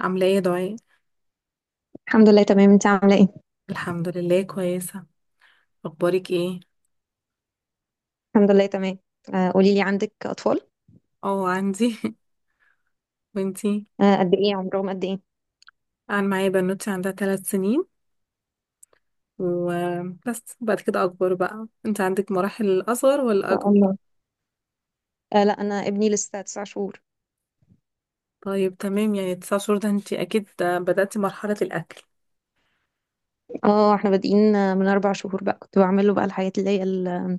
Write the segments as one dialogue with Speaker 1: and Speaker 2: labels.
Speaker 1: عاملة ايه يا دعاء؟
Speaker 2: الحمد لله، تمام. انت عامله ايه؟
Speaker 1: الحمد لله كويسة. اخبارك ايه؟
Speaker 2: الحمد لله، تمام. قولي لي، عندك اطفال؟
Speaker 1: اه عندي. وانتي؟
Speaker 2: قد ايه عمرهم قد ايه، ان
Speaker 1: انا معايا بنوتي عندها ثلاث سنين وبس، بعد كده اكبر. بقى انت عندك مراحل اصغر ولا
Speaker 2: شاء
Speaker 1: اكبر؟
Speaker 2: الله؟ لا، انا ابني لسه 9 شهور.
Speaker 1: طيب تمام، يعني تسع شهور ده انت اكيد بدأتي مرحلة الاكل.
Speaker 2: اه، احنا بادئين، من 4 شهور بقى كنت بعمل له بقى الحاجات اللي هي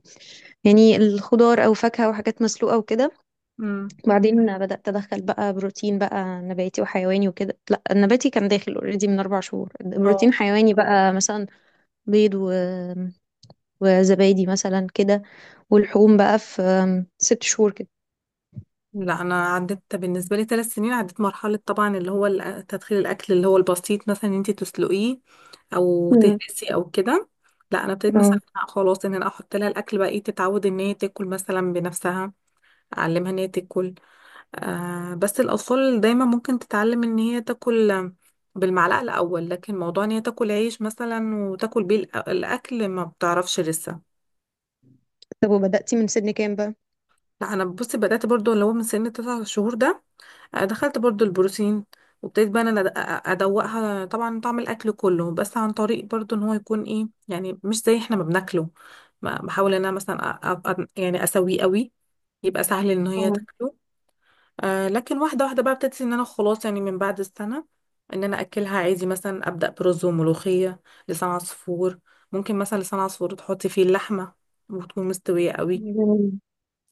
Speaker 2: يعني الخضار او فاكهه وحاجات مسلوقه وكده.
Speaker 1: امم.
Speaker 2: بعدين بدات ادخل بقى بروتين، بقى نباتي وحيواني وكده. لا، النباتي كان داخل اوريدي من 4 شهور. بروتين حيواني بقى مثلا بيض وزبادي مثلا كده. ولحوم بقى في 6 شهور كده.
Speaker 1: لا انا عدت بالنسبه لي ثلاث سنين، عدت مرحله طبعا اللي هو تدخين الاكل اللي هو البسيط، مثلا ان انت تسلقيه او تهرسي او كده. لا انا ابتديت مثلا
Speaker 2: مم.
Speaker 1: لأ خلاص، ان انا احط لها الاكل بقى ايه، تتعود ان هي تاكل مثلا بنفسها، اعلمها ان هي تاكل. آه بس الاطفال دايما ممكن تتعلم ان هي تاكل بالمعلقه الاول، لكن موضوع ان هي تاكل عيش مثلا وتاكل بيه الاكل ما بتعرفش لسه.
Speaker 2: طب وبدأتي من سن كام بقى؟
Speaker 1: لا انا بصي بدات برضو اللي هو من سن تسع شهور ده، دخلت برضو البروتين وابتديت بقى انا ادوقها طبعا طعم الاكل كله، بس عن طريق برضو ان هو يكون ايه، يعني مش زي احنا ما بناكله. بحاول ان انا مثلا يعني اسويه قوي يبقى سهل ان هي
Speaker 2: آه.
Speaker 1: تاكله. آه لكن واحده واحده بقى ابتديت ان انا خلاص، يعني من بعد السنه ان انا اكلها عادي، مثلا ابدا برز وملوخيه، لسان عصفور. ممكن مثلا لسان عصفور تحطي فيه اللحمه وتكون مستويه قوي.
Speaker 2: جميل.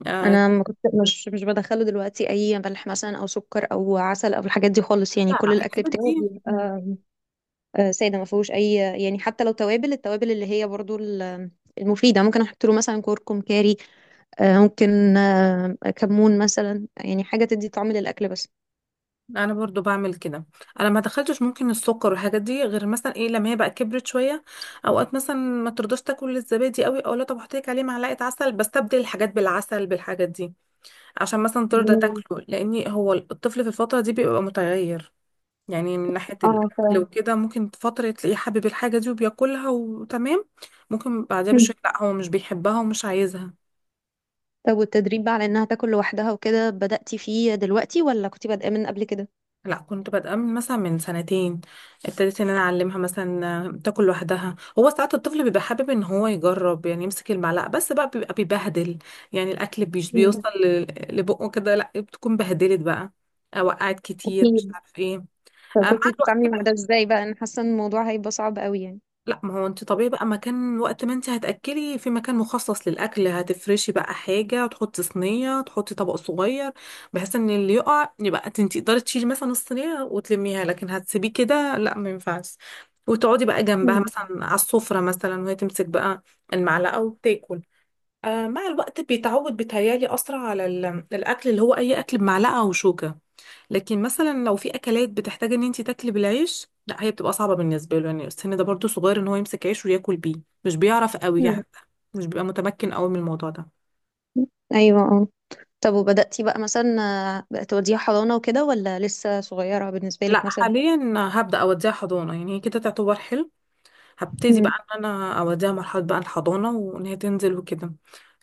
Speaker 1: آه.
Speaker 2: انا ما كنت مش بدخله دلوقتي اي ملح مثلا او سكر او عسل او الحاجات دي خالص، يعني
Speaker 1: لا لا
Speaker 2: كل الاكل
Speaker 1: الحاجات
Speaker 2: بتاعه
Speaker 1: دي
Speaker 2: بيبقى ساده، ما فيهوش اي، يعني حتى لو التوابل اللي هي برضو المفيده، ممكن احط له مثلا كركم كاري. ممكن كمون مثلا، يعني حاجه تدي طعم للاكل بس.
Speaker 1: انا برضو بعمل كده. انا ما دخلتش ممكن السكر والحاجات دي، غير مثلا ايه، لما هي بقى كبرت شويه، اوقات مثلا ما ترضاش تاكل الزبادي قوي او لا، طب احط لك عليه معلقه عسل، بستبدل الحاجات بالعسل بالحاجات دي عشان مثلا ترضى
Speaker 2: جميل.
Speaker 1: تاكله، لان هو الطفل في الفتره دي بيبقى متغير، يعني من ناحيه
Speaker 2: اه،
Speaker 1: الاكل
Speaker 2: فعلا.
Speaker 1: وكده. ممكن فتره تلاقيه حابب الحاجه دي وبياكلها وتمام، ممكن بعدها
Speaker 2: مم.
Speaker 1: بشويه لا هو مش بيحبها ومش عايزها.
Speaker 2: طب والتدريب بقى على انها تاكل لوحدها وكده، بدأتي فيه دلوقتي ولا كنتي بادئه من قبل كده؟
Speaker 1: لا كنت بادئه من مثلا من سنتين، ابتديت ان انا اعلمها مثلا تاكل لوحدها. هو ساعات الطفل بيبقى حابب ان هو يجرب، يعني يمسك المعلقه، بس بقى بيبقى بيبهدل، يعني الاكل مش بيوصل لبقه كده، لا بتكون بهدلت بقى، وقعت كتير مش
Speaker 2: أكيد.
Speaker 1: عارف ايه. مع
Speaker 2: فكنت
Speaker 1: الوقت.
Speaker 2: بتتعاملي مع ده ازاي بقى؟ انا حاسه ان الموضوع هيبقى صعب قوي يعني.
Speaker 1: لا ما هو انت طبيعي بقى مكان، وقت ما انت هتاكلي في مكان مخصص للاكل هتفرشي بقى حاجه وتحطي صينيه، تحطي طبق صغير بحيث ان اللي يقع يبقى انت تقدري تشيلي مثلا الصينيه وتلميها، لكن هتسيبيه كده لا، ما ينفعش. وتقعدي بقى جنبها
Speaker 2: مم.
Speaker 1: مثلا على السفره مثلا وهي تمسك بقى المعلقه وتاكل. آه مع الوقت بيتعود، بيتهيالي اسرع على الاكل اللي هو اي اكل بمعلقه وشوكه، لكن مثلا لو في اكلات بتحتاج ان انت تاكلي بالعيش، لا هي بتبقى صعبه بالنسبه له، يعني السن ده برضو صغير ان هو يمسك عيش وياكل بيه، مش بيعرف قوي
Speaker 2: مم.
Speaker 1: يعني، مش بيبقى متمكن قوي من الموضوع ده.
Speaker 2: ايوه، اه. طب وبدأتي بقى مثلا بقى توديها حضانة وكده ولا لسه صغيرة بالنسبة
Speaker 1: لا
Speaker 2: لك مثلا؟
Speaker 1: حاليا هبدا اوديها حضانه، يعني هي كده تعتبر حلو، هبتدي
Speaker 2: مم.
Speaker 1: بقى ان انا اوديها مرحله بقى الحضانه وان هي تنزل وكده.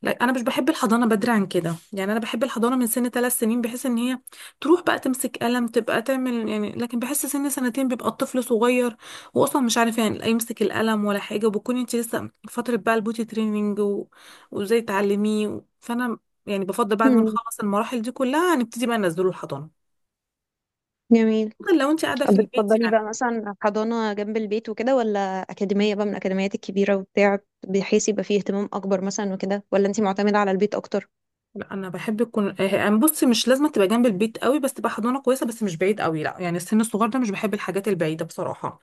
Speaker 1: لا انا مش بحب الحضانه بدري عن كده، يعني انا بحب الحضانه من سن ثلاث سنين، بحيث ان هي تروح بقى تمسك قلم تبقى تعمل يعني، لكن بحس سن سنتين بيبقى الطفل صغير واصلا مش عارف يعني، لا يمسك القلم ولا حاجه، وبكون انت لسه فتره بقى البوتي تريننج وازاي تعلميه فانا يعني بفضل بعد ما
Speaker 2: مم.
Speaker 1: نخلص المراحل دي كلها نبتدي بقى ننزله الحضانه،
Speaker 2: جميل.
Speaker 1: بفضل لو انت قاعده
Speaker 2: طب
Speaker 1: في البيت
Speaker 2: بتفضلي
Speaker 1: يعني.
Speaker 2: بقى مثلا حضانة جنب البيت وكده ولا أكاديمية بقى من الأكاديميات الكبيرة وبتاع، بحيث يبقى فيه اهتمام أكبر مثلا وكده، ولا أنتي معتمدة على البيت أكتر؟
Speaker 1: لا انا بحب يكون يعني بصي مش لازم تبقى جنب البيت قوي، بس تبقى حضانه كويسه، بس مش بعيد قوي لا، يعني السن الصغير ده مش بحب الحاجات البعيده بصراحه،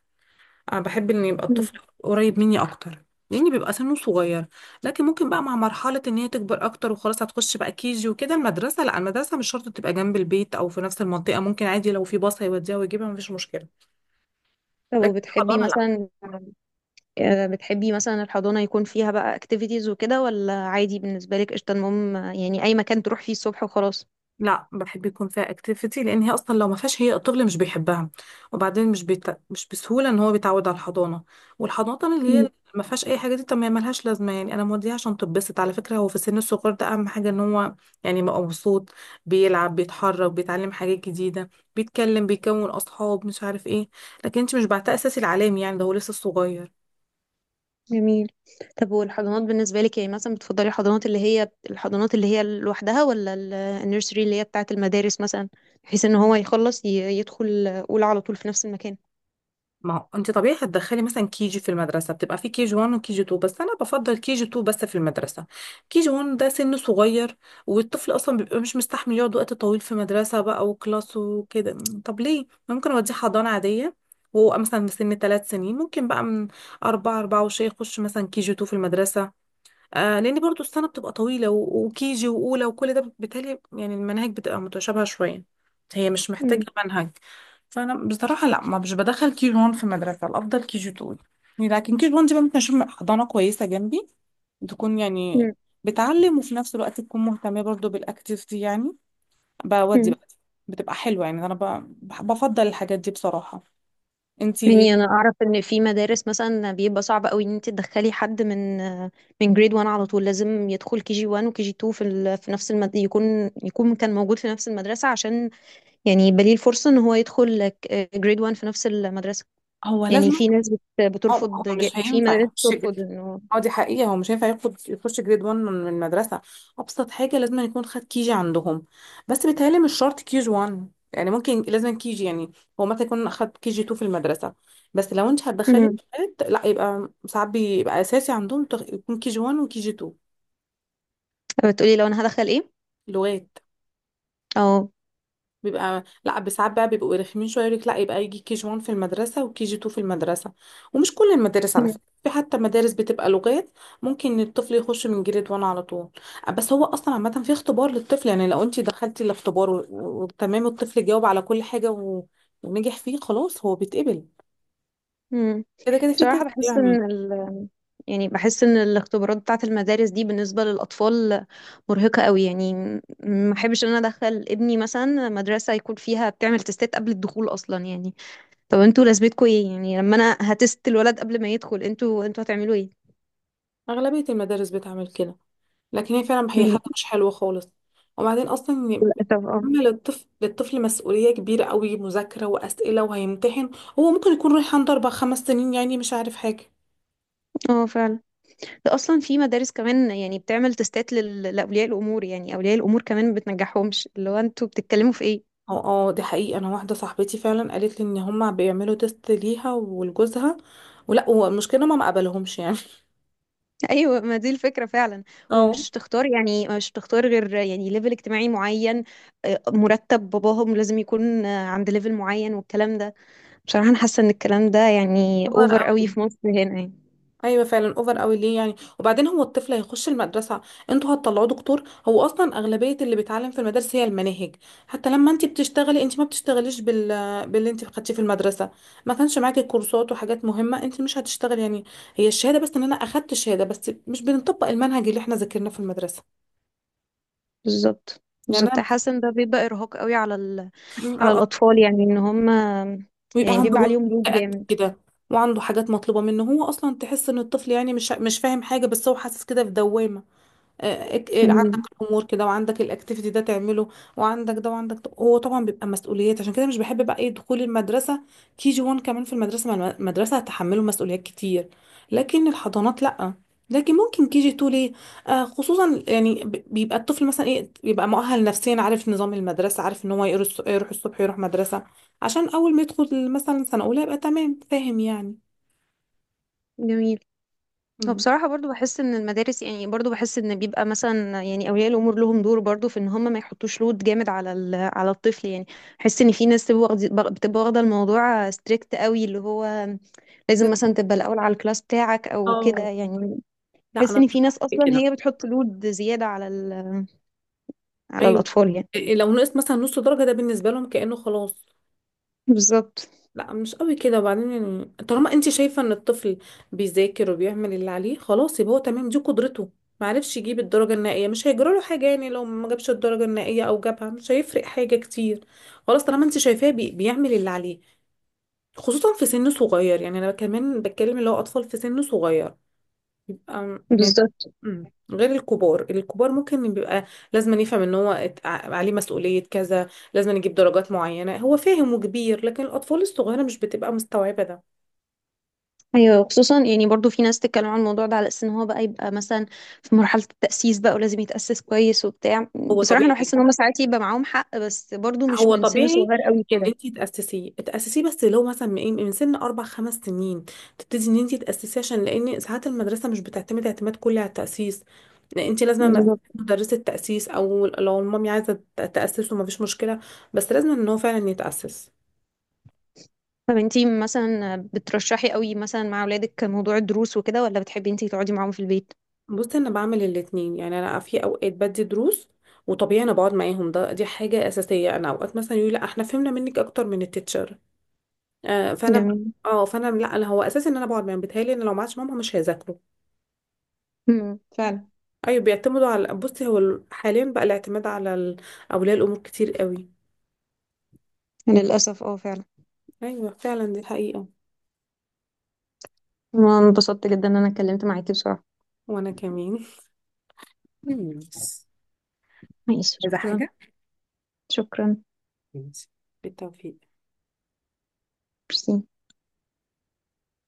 Speaker 1: انا بحب ان يبقى
Speaker 2: مم.
Speaker 1: الطفل قريب مني اكتر لان بيبقى سنه صغير، لكن ممكن بقى مع مرحله ان هي تكبر اكتر وخلاص هتخش بقى كيجي وكده المدرسه، لا المدرسه مش شرط تبقى جنب البيت او في نفس المنطقه، ممكن عادي لو في باص هيوديها ويجيبها مفيش مشكله،
Speaker 2: طب
Speaker 1: لكن
Speaker 2: وبتحبي
Speaker 1: الحضانه لا.
Speaker 2: مثلا، بتحبي مثلا الحضانة يكون فيها بقى اكتيفيتيز وكده ولا عادي بالنسبة لك؟ قشطة، المهم يعني أي مكان تروح فيه الصبح وخلاص.
Speaker 1: لا بحب يكون فيها اكتيفيتي، لان هي اصلا لو ما فيهاش هي الطفل مش بيحبها، وبعدين مش بسهوله ان هو بيتعود على الحضانه، والحضانه اللي
Speaker 2: مم.
Speaker 1: هي ما فيهاش اي حاجه دي طب ما هي ملهاش لازمه، يعني انا موديها عشان تتبسط، على فكره هو في السن الصغير ده اهم حاجه ان هو يعني يبقى مبسوط، بيلعب بيتحرك بيتعلم حاجات جديده، بيتكلم بيكون اصحاب مش عارف ايه، لكن انت مش بعتها اساسي العلامي يعني ده هو لسه صغير.
Speaker 2: جميل. طب والحضانات بالنسبة لك يعني مثلا بتفضلي الحضانات اللي هي لوحدها ولا النيرسري اللي هي بتاعة المدارس مثلا، بحيث ان هو يخلص يدخل أولى على طول في نفس المكان؟
Speaker 1: ما هو انت طبيعي هتدخلي مثلا كي جي في المدرسه بتبقى في كي جي 1 وكي جي 2، بس انا بفضل كي جي 2 بس في المدرسه، كي جي 1 ده سن صغير، والطفل اصلا بيبقى مش مستحمل يقعد وقت طويل في مدرسه بقى وكلاس وكده، طب ليه، ممكن اوديه حضانه عاديه وهو مثلا من سن ثلاث سنين، ممكن بقى من أربعة أربعة وشي يخش مثلا كي جي 2 في المدرسة. آه لان برضو السنه بتبقى طويله وكيجي واولى وكل ده بالتالي يعني المناهج بتبقى متشابهه شويه، هي مش محتاجه
Speaker 2: مم.
Speaker 1: منهج. فانا بصراحه لا، ما مش بدخل كي جي 1 في مدرسه، الافضل كي جي 2، لكن كي جي 1 دي بقى ممكن اشوف حضانه كويسه جنبي تكون يعني
Speaker 2: مم.
Speaker 1: بتعلم وفي نفس الوقت تكون مهتمه برضو بالاكتيفيتي يعني بودي
Speaker 2: مم.
Speaker 1: بقى، بتبقى حلوه، يعني انا بفضل الحاجات دي بصراحه. انتي.
Speaker 2: يعني انا اعرف ان في مدارس مثلا بيبقى صعب قوي ان انت تدخلي حد من جريد 1 على طول، لازم يدخل كي جي 1 وكي جي 2 يكون كان موجود في نفس المدرسه، عشان يعني يبقى ليه الفرصه ان هو يدخل جريد 1 في نفس المدرسه.
Speaker 1: هو لازم.
Speaker 2: يعني في ناس بت...
Speaker 1: اه لا، هو
Speaker 2: بترفض
Speaker 1: مش
Speaker 2: في
Speaker 1: هينفع
Speaker 2: مدارس
Speaker 1: يخش جد.
Speaker 2: بترفض انه.
Speaker 1: اه دي حقيقة هو مش هينفع ياخد يخش جريد 1 من المدرسة، أبسط حاجة لازم يكون خد كيجي عندهم، بس بيتهيألي مش شرط كيجي 1 يعني ممكن، لازم كيجي يعني، هو مثلا يكون أخد كيجي 2 في المدرسة، بس لو أنت هتدخلي
Speaker 2: مم.
Speaker 1: لغات لا يبقى ساعات بيبقى أساسي عندهم يكون كيجي 1 وكيجي 2
Speaker 2: بتقولي لو انا هدخل ايه؟
Speaker 1: لغات،
Speaker 2: اه.
Speaker 1: بيبقى لا، ساعات بقى بيبقوا رخمين شويه يقولك لا، يبقى يجي كي جي 1 في المدرسه وكي جي 2 في المدرسه، ومش كل المدارس على فكره، في حتى مدارس بتبقى لغات ممكن الطفل يخش من جريد 1 على طول، بس هو اصلا عامه في اختبار للطفل، يعني لو انت دخلتي الاختبار وتمام الطفل جاوب على كل حاجه ونجح فيه خلاص هو بيتقبل،
Speaker 2: مم.
Speaker 1: كده كده في
Speaker 2: بصراحة
Speaker 1: تيست
Speaker 2: بحس
Speaker 1: يعني.
Speaker 2: إن. يعني بحس إن الاختبارات بتاعة المدارس دي بالنسبة للأطفال مرهقة قوي يعني. ما أحبش إن أنا أدخل ابني مثلا مدرسة يكون فيها بتعمل تستات قبل الدخول أصلا يعني. طب انتوا لازمتكوا إيه؟ يعني لما أنا هتست الولد قبل ما يدخل انتوا هتعملوا إيه؟
Speaker 1: اغلبيه المدارس بتعمل كده، لكن هي فعلا هي
Speaker 2: مم.
Speaker 1: حاجة مش حلوة خالص، وبعدين أصلا
Speaker 2: للأسف، اه.
Speaker 1: أما للطفل مسؤولية كبيرة قوي، مذاكرة وأسئلة وهيمتحن، هو ممكن يكون رايح عنده أربع خمس سنين يعني مش عارف حاجة.
Speaker 2: اه، فعلا. ده أصلا في مدارس كمان يعني بتعمل تستات لأولياء الأمور، يعني أولياء الأمور كمان ما بتنجحهمش، اللي هو انتوا بتتكلموا في إيه؟
Speaker 1: اه اه دي حقيقة، أنا واحدة صاحبتي فعلا قالت لي إن هما بيعملوا تيست ليها ولجوزها، ولا والمشكلة ما مقبلهمش يعني.
Speaker 2: ايوه، ما دي الفكره فعلا.
Speaker 1: اه
Speaker 2: ومش تختار، يعني مش تختار غير يعني ليفل اجتماعي معين. مرتب باباهم لازم يكون عند ليفل معين والكلام ده. بصراحه انا حاسه ان الكلام ده يعني
Speaker 1: كبر
Speaker 2: اوفر قوي
Speaker 1: قوي،
Speaker 2: في مصر هنا يعني.
Speaker 1: ايوه فعلا اوفر قوي ليه يعني، وبعدين هو الطفل هيخش المدرسه انتوا هتطلعوه دكتور، هو اصلا اغلبيه اللي بيتعلم في المدارس هي المناهج، حتى لما انت بتشتغلي انت ما بتشتغليش باللي انت خدتيه في المدرسه، ما كانش معاكي كورسات وحاجات مهمه انت مش هتشتغلي يعني، هي الشهاده بس ان انا اخدت شهاده بس مش بنطبق المنهج اللي احنا ذاكرناه في المدرسه،
Speaker 2: بالظبط.
Speaker 1: يعني
Speaker 2: بالظبط،
Speaker 1: انا
Speaker 2: حاسه ان ده بيبقى ارهاق قوي على
Speaker 1: م-
Speaker 2: الاطفال، يعني ان هم
Speaker 1: بيبقى
Speaker 2: يعني
Speaker 1: عنده
Speaker 2: بيبقى
Speaker 1: جهد
Speaker 2: عليهم لود
Speaker 1: قد
Speaker 2: جامد.
Speaker 1: كده، وعنده حاجات مطلوبه منه، هو اصلا تحس ان الطفل يعني مش فاهم حاجه، بس هو حاسس كده في دوامه، عندك
Speaker 2: مم.
Speaker 1: الامور كده، وعندك الاكتيفيتي ده تعمله، وعندك ده وعندك ده. هو طبعا بيبقى مسؤوليات عشان كده مش بحب بقى ايه دخول المدرسه، كي جي 1 كمان في المدرسه مع المدرسه هتحمله مسؤوليات كتير، لكن الحضانات لا، لكن ممكن كي جي 2 ليه، آه خصوصا يعني بيبقى الطفل مثلا ايه، بيبقى مؤهل نفسيا عارف نظام المدرسه عارف ان هو يروح الصبح يروح مدرسه عشان اول ما يدخل مثلا سنه اولى يبقى تمام فاهم يعني.
Speaker 2: جميل. هو
Speaker 1: مم.
Speaker 2: بصراحة برضو بحس ان المدارس، يعني برضو بحس ان بيبقى مثلا يعني اولياء الامور لهم دور برضو في ان هم ما يحطوش لود جامد على الطفل يعني. بحس ان في ناس بتبقى واخدة الموضوع ستريكت قوي، اللي هو لازم
Speaker 1: لا-
Speaker 2: مثلا تبقى الاول على الكلاس بتاعك او
Speaker 1: اه
Speaker 2: كده يعني.
Speaker 1: لا
Speaker 2: بحس
Speaker 1: انا
Speaker 2: ان
Speaker 1: مش
Speaker 2: في ناس
Speaker 1: بحب
Speaker 2: اصلا
Speaker 1: كده.
Speaker 2: هي بتحط لود زيادة على
Speaker 1: ايوه
Speaker 2: الاطفال يعني.
Speaker 1: إيه لو نقص مثلا نص درجه ده بالنسبه لهم كانه خلاص،
Speaker 2: بالظبط.
Speaker 1: لا مش قوي كده، وبعدين يعني طالما انت شايفه ان الطفل بيذاكر وبيعمل اللي عليه خلاص يبقى هو تمام، دي قدرته، ما عرفش يجيب الدرجه النهائيه مش هيجرى له حاجه، يعني لو ما جابش الدرجه النهائيه او جابها مش هيفرق حاجه كتير، خلاص طالما انت شايفاه بيعمل اللي عليه، خصوصا في سن صغير يعني انا كمان بتكلم اللي هو اطفال في سن صغير يبقى يعني.
Speaker 2: بالظبط.
Speaker 1: مم. غير الكبار، الكبار ممكن بيبقى لازم يفهم ان هو عليه مسؤولية كذا، لازم يجيب درجات معينة، هو فاهم وكبير، لكن الأطفال الصغيرة مش بتبقى مستوعبة ده.
Speaker 2: ايوه، خصوصا يعني برضو في ناس تتكلم عن الموضوع ده على اساس ان هو بقى يبقى مثلا في مرحله التاسيس بقى، ولازم يتاسس كويس وبتاع.
Speaker 1: هو
Speaker 2: بصراحه انا
Speaker 1: طبيعي.
Speaker 2: بحس ان هم ساعات يبقى معاهم حق، بس برضو مش
Speaker 1: هو
Speaker 2: من سن
Speaker 1: طبيعي
Speaker 2: صغير قوي
Speaker 1: ان
Speaker 2: كده.
Speaker 1: انت تأسسيه، تأسسيه بس لو مثلا من إيه؟ من سن اربع خمس سنين تبتدي ان انت تأسسيه، عشان لان ساعات المدرسة مش بتعتمد اعتماد كلي على التأسيس، لأن انت لازم مثلاً
Speaker 2: بالظبط.
Speaker 1: مدرسة تأسيس، او لو المامي عايزة تأسسه مفيش مشكلة، بس لازم ان هو فعلا يتأسس.
Speaker 2: طب انتي مثلا بترشحي قوي مثلا مع اولادك موضوع الدروس وكده ولا بتحبي انتي تقعدي معاهم في البيت؟
Speaker 1: بص انا بعمل الاتنين، يعني انا في اوقات بدي دروس، وطبيعي انا بقعد معاهم ده دي حاجه اساسيه، انا اوقات مثلا يقولي لا احنا فهمنا منك اكتر من التيتشر، آه
Speaker 2: جميل.
Speaker 1: اه فانا لا انا هو اساسي ان انا بقعد معاهم، بيتهيألي ان لو معاش ماما مش هيذاكروا.
Speaker 2: فعلا.
Speaker 1: ايوه بيعتمدوا على بصي هو حاليا بقى الاعتماد على اولياء الامور كتير قوي.
Speaker 2: للاسف، اه، فعلا.
Speaker 1: ايوه فعلا دي حقيقه.
Speaker 2: أنا انبسطت جدا ان انا اتكلمت معاكي بصراحه.
Speaker 1: وانا كمان. مم.
Speaker 2: ماشي،
Speaker 1: عايزة
Speaker 2: شكرا.
Speaker 1: حاجة؟
Speaker 2: شكرا.
Speaker 1: ماشي، بالتوفيق.
Speaker 2: ميرسي.